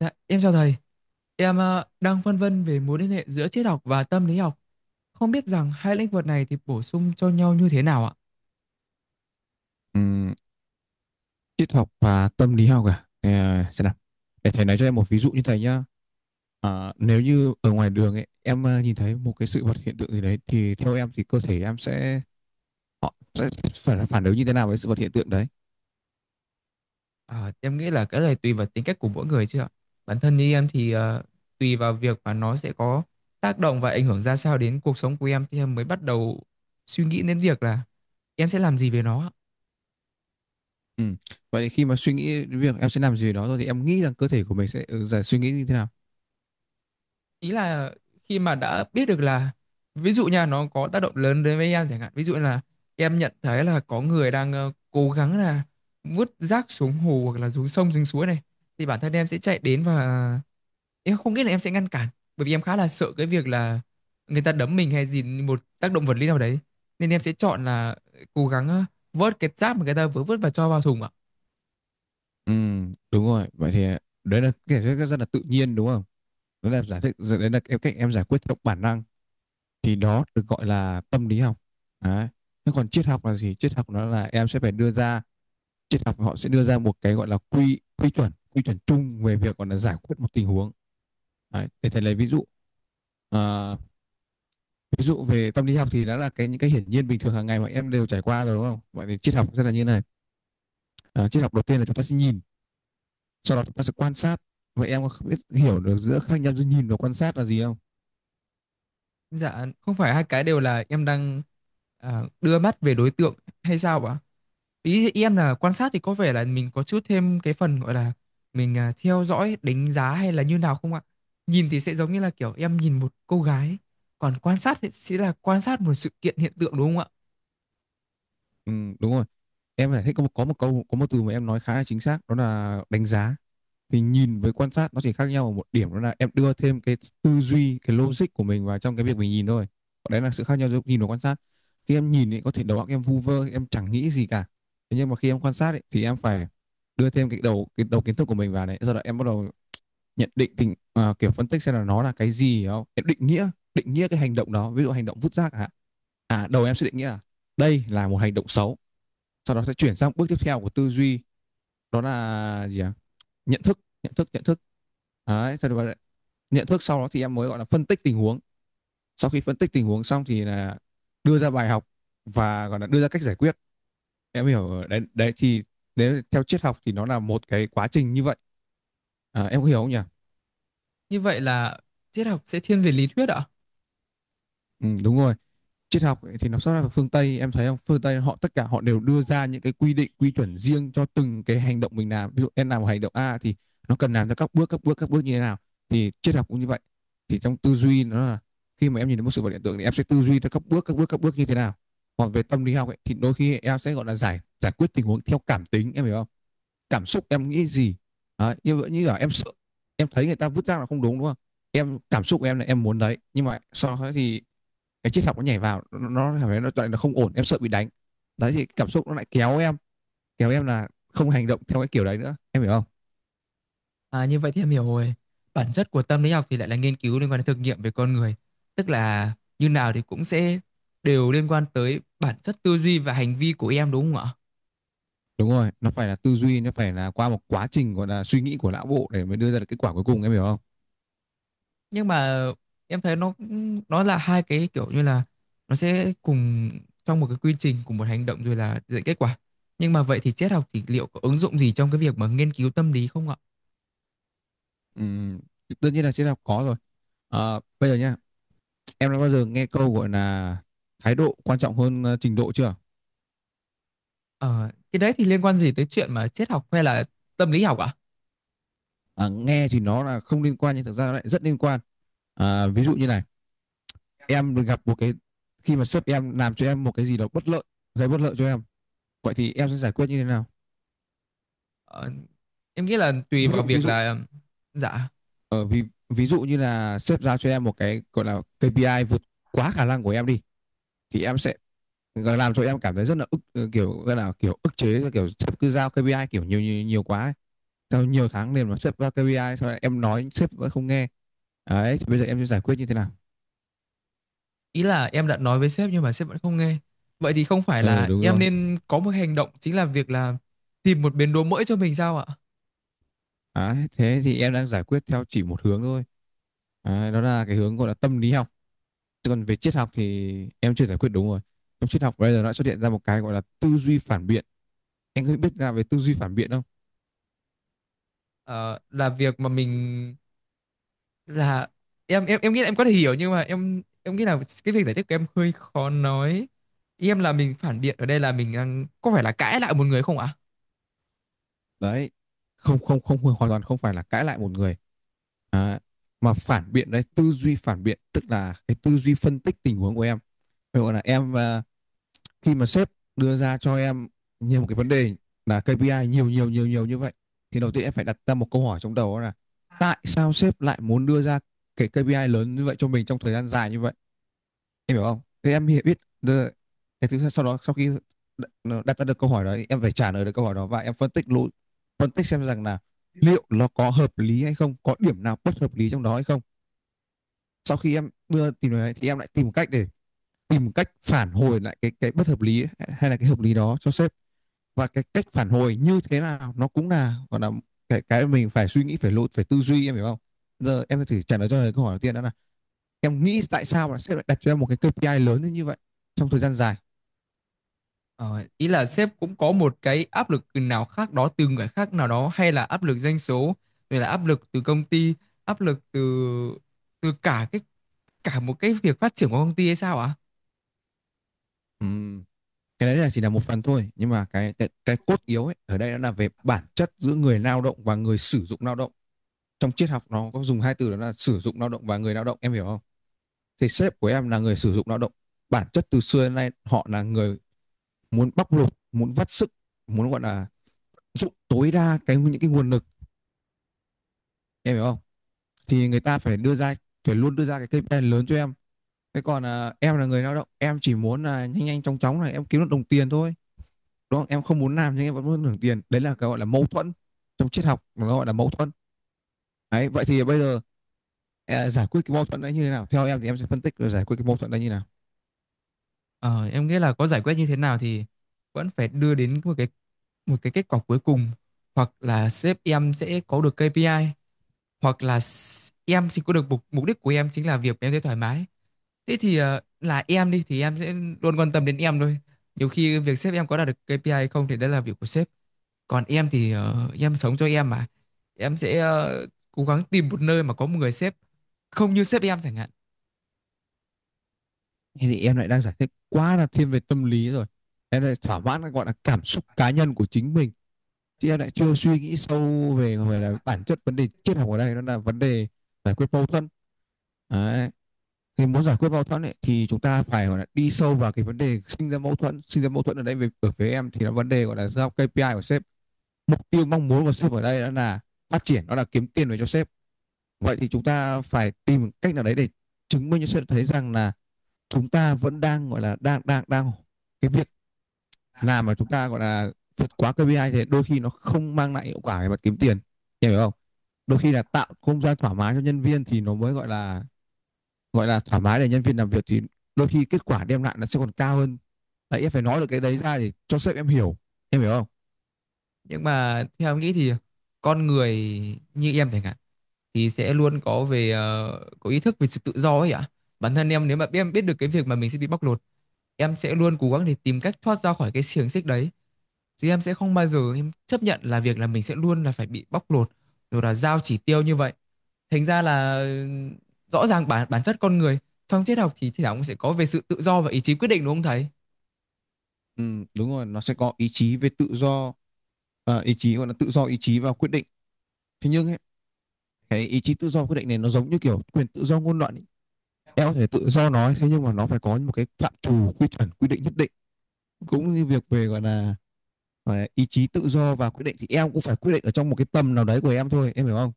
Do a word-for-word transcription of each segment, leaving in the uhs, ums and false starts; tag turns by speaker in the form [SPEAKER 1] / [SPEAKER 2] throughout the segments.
[SPEAKER 1] Dạ, em chào thầy. Em ờ, đang phân vân về mối liên hệ giữa triết học và tâm lý học. Không biết rằng hai lĩnh vực này thì bổ sung cho nhau như thế nào ạ?
[SPEAKER 2] Ừm, Triết học và tâm lý học à? Ờ, xem nào. Để thầy nói cho em một ví dụ như thầy nhá. À, nếu như ở ngoài đường ấy, em ờ, nhìn thấy một cái sự vật hiện tượng gì đấy thì theo em thì cơ thể em sẽ họ sẽ phải phản ứng như thế nào với sự vật hiện tượng đấy?
[SPEAKER 1] À, em nghĩ là cái này tùy vào tính cách của mỗi người chứ ạ. Bản thân như em thì ờ, tùy vào việc mà nó sẽ có tác động và ảnh hưởng ra sao đến cuộc sống của em thì em mới bắt đầu suy nghĩ đến việc là em sẽ làm gì về nó ạ.
[SPEAKER 2] Ừ. Vậy thì khi mà suy nghĩ đến việc em sẽ làm gì đó rồi thì em nghĩ rằng cơ thể của mình sẽ ừ, giải suy nghĩ như thế nào?
[SPEAKER 1] Ý là khi mà đã biết được là, ví dụ nha, nó có tác động lớn đến với em, chẳng hạn ví dụ là em nhận thấy là có người đang ờ, cố gắng là vứt rác xuống hồ hoặc là xuống sông xuống suối này, thì bản thân em sẽ chạy đến và em không nghĩ là em sẽ ngăn cản, bởi vì em khá là sợ cái việc là người ta đấm mình hay gì một tác động vật lý nào đấy, nên em sẽ chọn là cố gắng ờ, vớt cái rác mà người ta vừa vứt và cho vào thùng ạ.
[SPEAKER 2] Ừ, đúng rồi. Vậy thì đấy là cái giải thích rất là tự nhiên đúng không? Đó là giải thích đấy là em cách em giải quyết theo bản năng thì đó được gọi là tâm lý học đấy. Thế còn triết học là gì? Triết học nó là em sẽ phải đưa ra Triết học họ sẽ đưa ra một cái gọi là quy quy chuẩn quy chuẩn chung về việc gọi là giải quyết một tình huống đấy. Để thầy lấy ví dụ. à, Ví dụ về tâm lý học thì đó là cái những cái hiển nhiên bình thường hàng ngày mà em đều trải qua rồi đúng không? Vậy thì triết học sẽ là như này. À, triết học, đầu tiên là chúng ta sẽ nhìn, sau đó chúng ta sẽ quan sát. Vậy em có biết hiểu được giữa khác nhau giữa nhìn và quan sát là gì không?
[SPEAKER 1] Dạ, không phải hai cái đều là em đang à, đưa mắt về đối tượng hay sao ạ? Ý em là quan sát thì có vẻ là mình có chút thêm cái phần gọi là mình à, theo dõi, đánh giá hay là như nào không ạ? Nhìn thì sẽ giống như là kiểu em nhìn một cô gái, còn quan sát thì sẽ là quan sát một sự kiện hiện tượng đúng không ạ?
[SPEAKER 2] Ừ, đúng rồi. Em phải thích có một, có một câu có một từ mà em nói khá là chính xác đó là đánh giá. Thì nhìn với quan sát nó chỉ khác nhau ở một điểm, đó là em đưa thêm cái tư duy, cái logic của mình vào trong cái việc mình nhìn thôi. Còn đấy là sự khác nhau giữa nhìn và quan sát. Khi em nhìn thì có thể đầu óc em vu vơ, em chẳng nghĩ gì cả, thế nhưng mà khi em quan sát ấy, thì em phải đưa thêm cái đầu cái đầu kiến thức của mình vào đấy, sau đó em bắt đầu nhận định tình à, kiểu phân tích xem là nó là cái gì, hiểu không? Em định nghĩa định nghĩa cái hành động đó, ví dụ hành động vứt rác hả, à đầu em sẽ định nghĩa là đây là một hành động xấu. Sau đó sẽ chuyển sang bước tiếp theo của tư duy, đó là gì ạ? Nhận thức nhận thức nhận thức đấy thật. Nhận thức sau đó thì em mới gọi là phân tích tình huống. Sau khi phân tích tình huống xong thì là đưa ra bài học và gọi là đưa ra cách giải quyết. Em hiểu đấy, đấy thì nếu theo triết học thì nó là một cái quá trình như vậy. À, em có hiểu không nhỉ?
[SPEAKER 1] Như vậy là triết học sẽ thiên về lý thuyết ạ?
[SPEAKER 2] Ừ, đúng rồi. Triết học ấy, thì nó xuất ra từ phương Tây, em thấy không? Phương Tây họ tất cả họ đều đưa ra những cái quy định quy chuẩn riêng cho từng cái hành động mình làm. Ví dụ em làm một hành động A thì nó cần làm ra các bước các bước các bước như thế nào. Thì triết học cũng như vậy, thì trong tư duy nó là khi mà em nhìn thấy một sự vật hiện tượng thì em sẽ tư duy theo các bước các bước các bước như thế nào. Còn về tâm lý học ấy, thì đôi khi em sẽ gọi là giải giải quyết tình huống theo cảm tính, em hiểu không? Cảm xúc em nghĩ gì. Đấy, như vậy như là em sợ, em thấy người ta vứt rác là không đúng đúng không? Em cảm xúc của em là em muốn đấy, nhưng mà sau đó thì cái triết học nó nhảy vào, nó, nó cảm thấy nó, nó, nó không ổn, em sợ bị đánh. Đấy thì cảm xúc nó lại kéo em, kéo em là không hành động theo cái kiểu đấy nữa, em hiểu không?
[SPEAKER 1] À, như vậy thì em hiểu rồi. Bản chất của tâm lý học thì lại là nghiên cứu liên quan đến thực nghiệm về con người. Tức là như nào thì cũng sẽ đều liên quan tới bản chất tư duy và hành vi của em đúng không ạ?
[SPEAKER 2] Đúng rồi, nó phải là tư duy, nó phải là qua một quá trình gọi là suy nghĩ của não bộ để mới đưa ra được kết quả cuối cùng, em hiểu không?
[SPEAKER 1] Nhưng mà em thấy nó nó là hai cái kiểu như là nó sẽ cùng trong một cái quy trình, cùng một hành động rồi là dẫn kết quả. Nhưng mà vậy thì triết học thì liệu có ứng dụng gì trong cái việc mà nghiên cứu tâm lý không ạ?
[SPEAKER 2] Ừm, Tất nhiên là triết học có rồi. Ờ, bây giờ nhá, em đã bao giờ nghe câu gọi là thái độ quan trọng hơn ờ, trình độ chưa?
[SPEAKER 1] Ờ, cái đấy thì liên quan gì tới chuyện mà triết học hay là tâm lý học ạ?
[SPEAKER 2] Ờ, Nghe thì nó là không liên quan nhưng thực ra nó lại rất liên quan. Ờ, ví dụ như này, em gặp một cái, khi mà sếp em làm cho em một cái gì đó bất lợi, gây bất lợi cho em. Vậy thì em sẽ giải quyết như thế nào?
[SPEAKER 1] Ờ, em nghĩ là tùy
[SPEAKER 2] Ví
[SPEAKER 1] vào
[SPEAKER 2] dụ ví
[SPEAKER 1] việc
[SPEAKER 2] dụ
[SPEAKER 1] là dạ.
[SPEAKER 2] ở ví ví dụ như là sếp giao cho em một cái gọi là ca pê i vượt quá khả năng của em đi, thì em sẽ làm cho em cảm thấy rất là ức, ờ, kiểu gọi là kiểu ức chế, kiểu sếp cứ giao ca pê i kiểu nhiều nhiều, nhiều quá ấy. Sau nhiều tháng liền mà sếp giao ca pê i, sau này em nói sếp vẫn không nghe. Đấy, thì bây giờ em sẽ giải quyết như thế nào?
[SPEAKER 1] Ý là em đã nói với sếp nhưng mà sếp vẫn không nghe. Vậy thì không phải
[SPEAKER 2] Ừ,
[SPEAKER 1] là
[SPEAKER 2] đúng
[SPEAKER 1] em
[SPEAKER 2] rồi.
[SPEAKER 1] nên có một hành động chính là việc là tìm một bến đỗ mới cho mình sao ạ?
[SPEAKER 2] Đấy, thế thì em đang giải quyết theo chỉ một hướng thôi. Đấy, đó là cái hướng gọi là tâm lý học, còn về triết học thì em chưa giải quyết đúng rồi. Trong triết học bây giờ nó xuất hiện ra một cái gọi là tư duy phản biện. Anh có biết ra về tư duy phản biện không?
[SPEAKER 1] Ờ, là việc mà mình là, em em em nghĩ là em có thể hiểu nhưng mà em em nghĩ là cái việc giải thích của em hơi khó nói. Ý em là mình phản biện ở đây là mình đang có phải là cãi lại một người không ạ?
[SPEAKER 2] Đấy, không không không hoàn toàn không phải là cãi lại một người. À, mà phản biện đấy, tư duy phản biện tức là cái tư duy phân tích tình huống của em. Ví dụ là em, à, khi mà sếp đưa ra cho em nhiều một cái vấn đề là ca pê i nhiều nhiều nhiều nhiều như vậy, thì đầu tiên em phải đặt ra một câu hỏi trong đầu đó là tại sao sếp lại muốn đưa ra cái ca pê i lớn như vậy cho mình trong thời gian dài như vậy? Em hiểu không? Thế em hi- biết đơ- Cái thứ sau đó, sau khi đ- nó đặt ra được câu hỏi đó em phải trả lời được câu hỏi đó và em phân tích lỗi, phân tích xem rằng là liệu nó có hợp lý hay không, có điểm nào bất hợp lý trong đó hay không. Sau khi em đưa tìm được đấy, thì em lại tìm cách để tìm cách phản hồi lại cái cái bất hợp lý ấy, hay là cái hợp lý đó cho sếp. Và cái cách phản hồi như thế nào nó cũng là gọi là cái cái mình phải suy nghĩ, phải lỗi, phải tư duy, em hiểu không? Giờ em thử trả lời cho lời câu hỏi đầu tiên đó là em nghĩ tại sao mà sếp lại đặt cho em một cái ca pê i lớn như vậy trong thời gian dài.
[SPEAKER 1] Ờ, ý là sếp cũng có một cái áp lực nào khác đó từ người khác nào đó, hay là áp lực doanh số, rồi là áp lực từ công ty, áp lực từ, từ cả cái cả một cái việc phát triển của công ty hay sao ạ?
[SPEAKER 2] Ừm, cái đấy là chỉ là một phần thôi, nhưng mà cái cái, cái cốt yếu ấy ở đây nó là về bản chất giữa người lao động và người sử dụng lao động. Trong triết học nó có dùng hai từ đó là sử dụng lao động và người lao động, em hiểu không? Thì sếp của em là người sử dụng lao động. Bản chất từ xưa đến nay họ là người muốn bóc lột, muốn vắt sức, muốn gọi là dụng tối đa cái những cái nguồn lực, em hiểu không? Thì người ta phải đưa ra, phải luôn đưa ra cái ca pê i lớn cho em. Thế còn à, em là người lao động, em chỉ muốn là nhanh nhanh chóng chóng này em kiếm được đồng tiền thôi, đúng không? Em không muốn làm nhưng em vẫn muốn hưởng tiền, đấy là cái gọi là mâu thuẫn. Trong triết học nó gọi là mâu thuẫn. Đấy vậy thì bây giờ, à, giải quyết cái mâu thuẫn đấy như thế nào, theo em thì em sẽ phân tích rồi giải quyết cái mâu thuẫn đấy như thế nào?
[SPEAKER 1] Ờ, em nghĩ là có giải quyết như thế nào thì vẫn phải đưa đến một cái, một cái kết quả cuối cùng. Hoặc là sếp em sẽ có được ca pê i, hoặc là s- em thì có được mục, mục đích của em chính là việc em thấy thoải mái. Thế thì ờ, là em đi thì em sẽ luôn quan tâm đến em thôi. Nhiều khi việc sếp em có đạt được kây pi ai hay không thì đấy là việc của sếp, còn em thì ờ, em sống cho em mà. Em sẽ ờ, cố gắng tìm một nơi mà có một người sếp không như sếp em chẳng hạn.
[SPEAKER 2] Thì em lại đang giải thích quá là thiên về tâm lý rồi, em lại thỏa mãn cái gọi là cảm xúc cá nhân của chính mình, chứ em lại chưa suy nghĩ sâu về gọi là bản chất vấn đề triết học ở đây, đó là vấn đề giải quyết mâu thuẫn đấy. Thì muốn giải quyết mâu thuẫn ấy, thì chúng ta phải gọi là đi sâu vào cái vấn đề sinh ra mâu thuẫn sinh ra mâu thuẫn ở đây về ở phía em thì là vấn đề gọi là giao ca pê i của sếp. Mục tiêu mong muốn của sếp ở đây đó là phát triển, đó là kiếm tiền về cho sếp. Vậy thì chúng ta phải tìm cách nào đấy để chứng minh cho sếp thấy rằng là chúng ta vẫn đang gọi là đang đang đang cái việc làm mà chúng ta gọi là vượt quá ca pê i thì đôi khi nó không mang lại hiệu quả về mặt kiếm tiền, em hiểu không? Đôi khi là tạo không gian thoải mái cho nhân viên thì nó mới gọi là gọi là thoải mái để nhân viên làm việc, thì đôi khi kết quả đem lại nó sẽ còn cao hơn. Đấy, em phải nói được cái đấy ra để cho sếp em hiểu, em hiểu không?
[SPEAKER 1] Nhưng mà theo em nghĩ thì con người như em chẳng hạn thì sẽ luôn có về ờ, có ý thức về sự tự do ấy ạ. Bản thân em nếu mà em biết được cái việc mà mình sẽ bị bóc lột, em sẽ luôn cố gắng để tìm cách thoát ra khỏi cái xiềng xích đấy. Chứ em sẽ không bao giờ em chấp nhận là việc là mình sẽ luôn là phải bị bóc lột rồi là giao chỉ tiêu như vậy. Thành ra là ừ, rõ ràng bản bản chất con người trong triết học thì thì cũng sẽ có về sự tự do và ý chí quyết định đúng không thầy?
[SPEAKER 2] Ừ, đúng rồi, nó sẽ có ý chí về tự do. À, ý chí gọi là tự do ý chí và quyết định. Thế nhưng ấy, cái ý chí tự do quyết định này nó giống như kiểu quyền tự do ngôn luận ấy. Em có thể tự do nói, thế nhưng mà nó phải có một cái phạm trù quy chuẩn quy định nhất định, cũng như việc về gọi là ý chí tự do và quyết định thì em cũng phải quyết định ở trong một cái tầm nào đấy của em thôi, em hiểu không?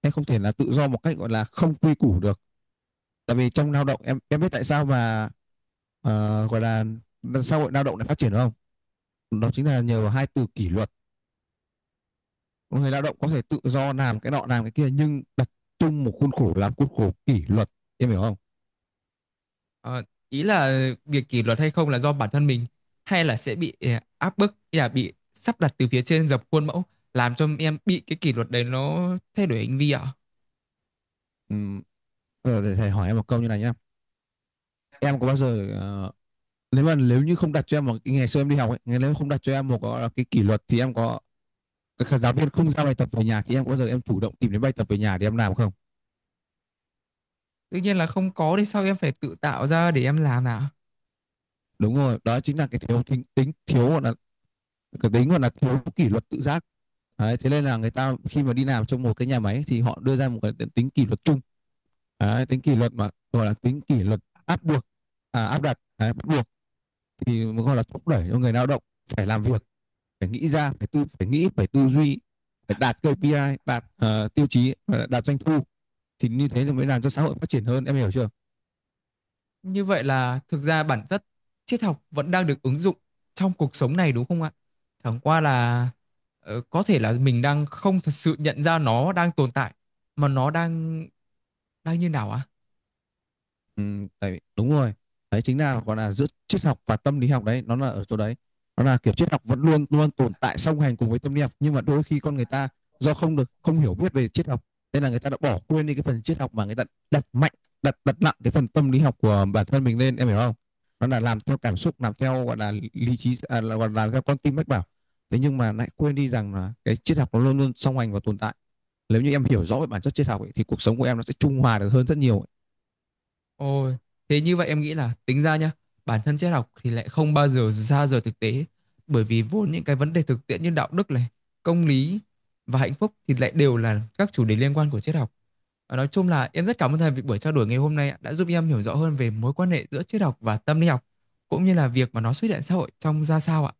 [SPEAKER 2] Em không thể là tự do một cách gọi là không quy củ được. Tại vì trong lao động, em em biết tại sao mà ờ, gọi là xã hội lao động lại phát triển không? Đó chính là nhờ vào hai từ kỷ luật. Người lao động có thể tự do làm cái nọ làm cái kia nhưng đặt chung một khuôn khổ, làm khuôn khổ kỷ luật, em hiểu không?
[SPEAKER 1] Ờ, ý là việc kỷ luật hay không là do bản thân mình, hay là sẽ bị ờ, áp bức hay là bị sắp đặt từ phía trên dập khuôn mẫu làm cho em bị cái kỷ luật đấy nó thay đổi hành vi ạ?
[SPEAKER 2] Ừm, ờ, để thầy hỏi em một câu như này nhá. Em có bao giờ ờ, nếu mà nếu như không đặt cho em một, ngày xưa em đi học ấy, nếu không đặt cho em một cái, cái kỷ luật thì em có, các giáo viên không giao bài tập về nhà thì em có bao giờ em chủ động tìm đến bài tập về nhà để em làm không?
[SPEAKER 1] Tự nhiên là không có thì sao em phải tự tạo ra để em làm nào?
[SPEAKER 2] Đúng rồi, đó chính là cái thiếu tính, tính thiếu gọi là cái tính gọi là thiếu kỷ luật tự giác. Đấy, thế nên là người ta khi mà đi làm trong một cái nhà máy thì họ đưa ra một cái tính kỷ luật chung. Đấy, tính kỷ luật mà gọi là tính kỷ luật áp buộc, à, áp đặt đấy, bắt buộc thì gọi là thúc đẩy cho người lao động phải làm việc, phải nghĩ ra, phải tư phải nghĩ, phải tư duy, phải đạt ca pê i, đạt ờ, tiêu chí, ờ, đạt doanh thu, thì như thế thì mới làm cho xã hội phát triển hơn, em hiểu chưa?
[SPEAKER 1] Như vậy là thực ra bản chất triết học vẫn đang được ứng dụng trong cuộc sống này đúng không ạ? Chẳng qua là ờ, có thể là mình đang không thật sự nhận ra nó đang tồn tại mà nó đang đang như nào ạ?
[SPEAKER 2] Ừ, tại đúng rồi, đấy chính là gọi là giữa triết học và tâm lý học đấy, nó là ở chỗ đấy. Nó là kiểu triết học vẫn luôn luôn tồn tại song hành cùng với tâm lý học, nhưng mà đôi khi con người ta do không được không hiểu biết về triết học nên là người ta đã bỏ quên đi cái phần triết học, mà người ta đặt mạnh, đặt đặt nặng cái phần tâm lý học của bản thân mình lên, em hiểu không? Nó là làm theo cảm xúc, làm theo gọi là lý trí, à, là gọi là làm theo con tim mách bảo, thế nhưng mà lại quên đi rằng là cái triết học nó luôn luôn song hành và tồn tại. Nếu như em hiểu rõ về bản chất triết học ấy, thì cuộc sống của em nó sẽ trung hòa được hơn rất nhiều.
[SPEAKER 1] Ôi, thế như vậy em nghĩ là tính ra nhá, bản thân triết học thì lại không bao giờ ra rời thực tế, bởi vì vốn những cái vấn đề thực tiễn như đạo đức này, công lý và hạnh phúc thì lại đều là các chủ đề liên quan của triết học. Và nói chung là em rất cảm ơn thầy vì buổi trao đổi ngày hôm nay đã giúp em hiểu rõ hơn về mối quan hệ giữa triết học và tâm lý học, cũng như là việc mà nó xuất hiện xã hội trong ra sao ạ.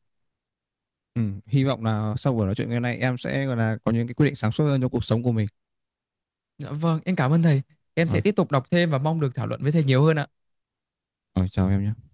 [SPEAKER 2] Ừ, hy vọng là sau buổi nói chuyện ngày nay em sẽ gọi là có những cái quyết định sáng suốt hơn cho cuộc sống của mình.
[SPEAKER 1] Dạ vâng, em cảm ơn thầy. Em sẽ
[SPEAKER 2] Rồi,
[SPEAKER 1] tiếp tục đọc thêm và mong được thảo luận với thầy nhiều hơn ạ.
[SPEAKER 2] rồi chào em nhé.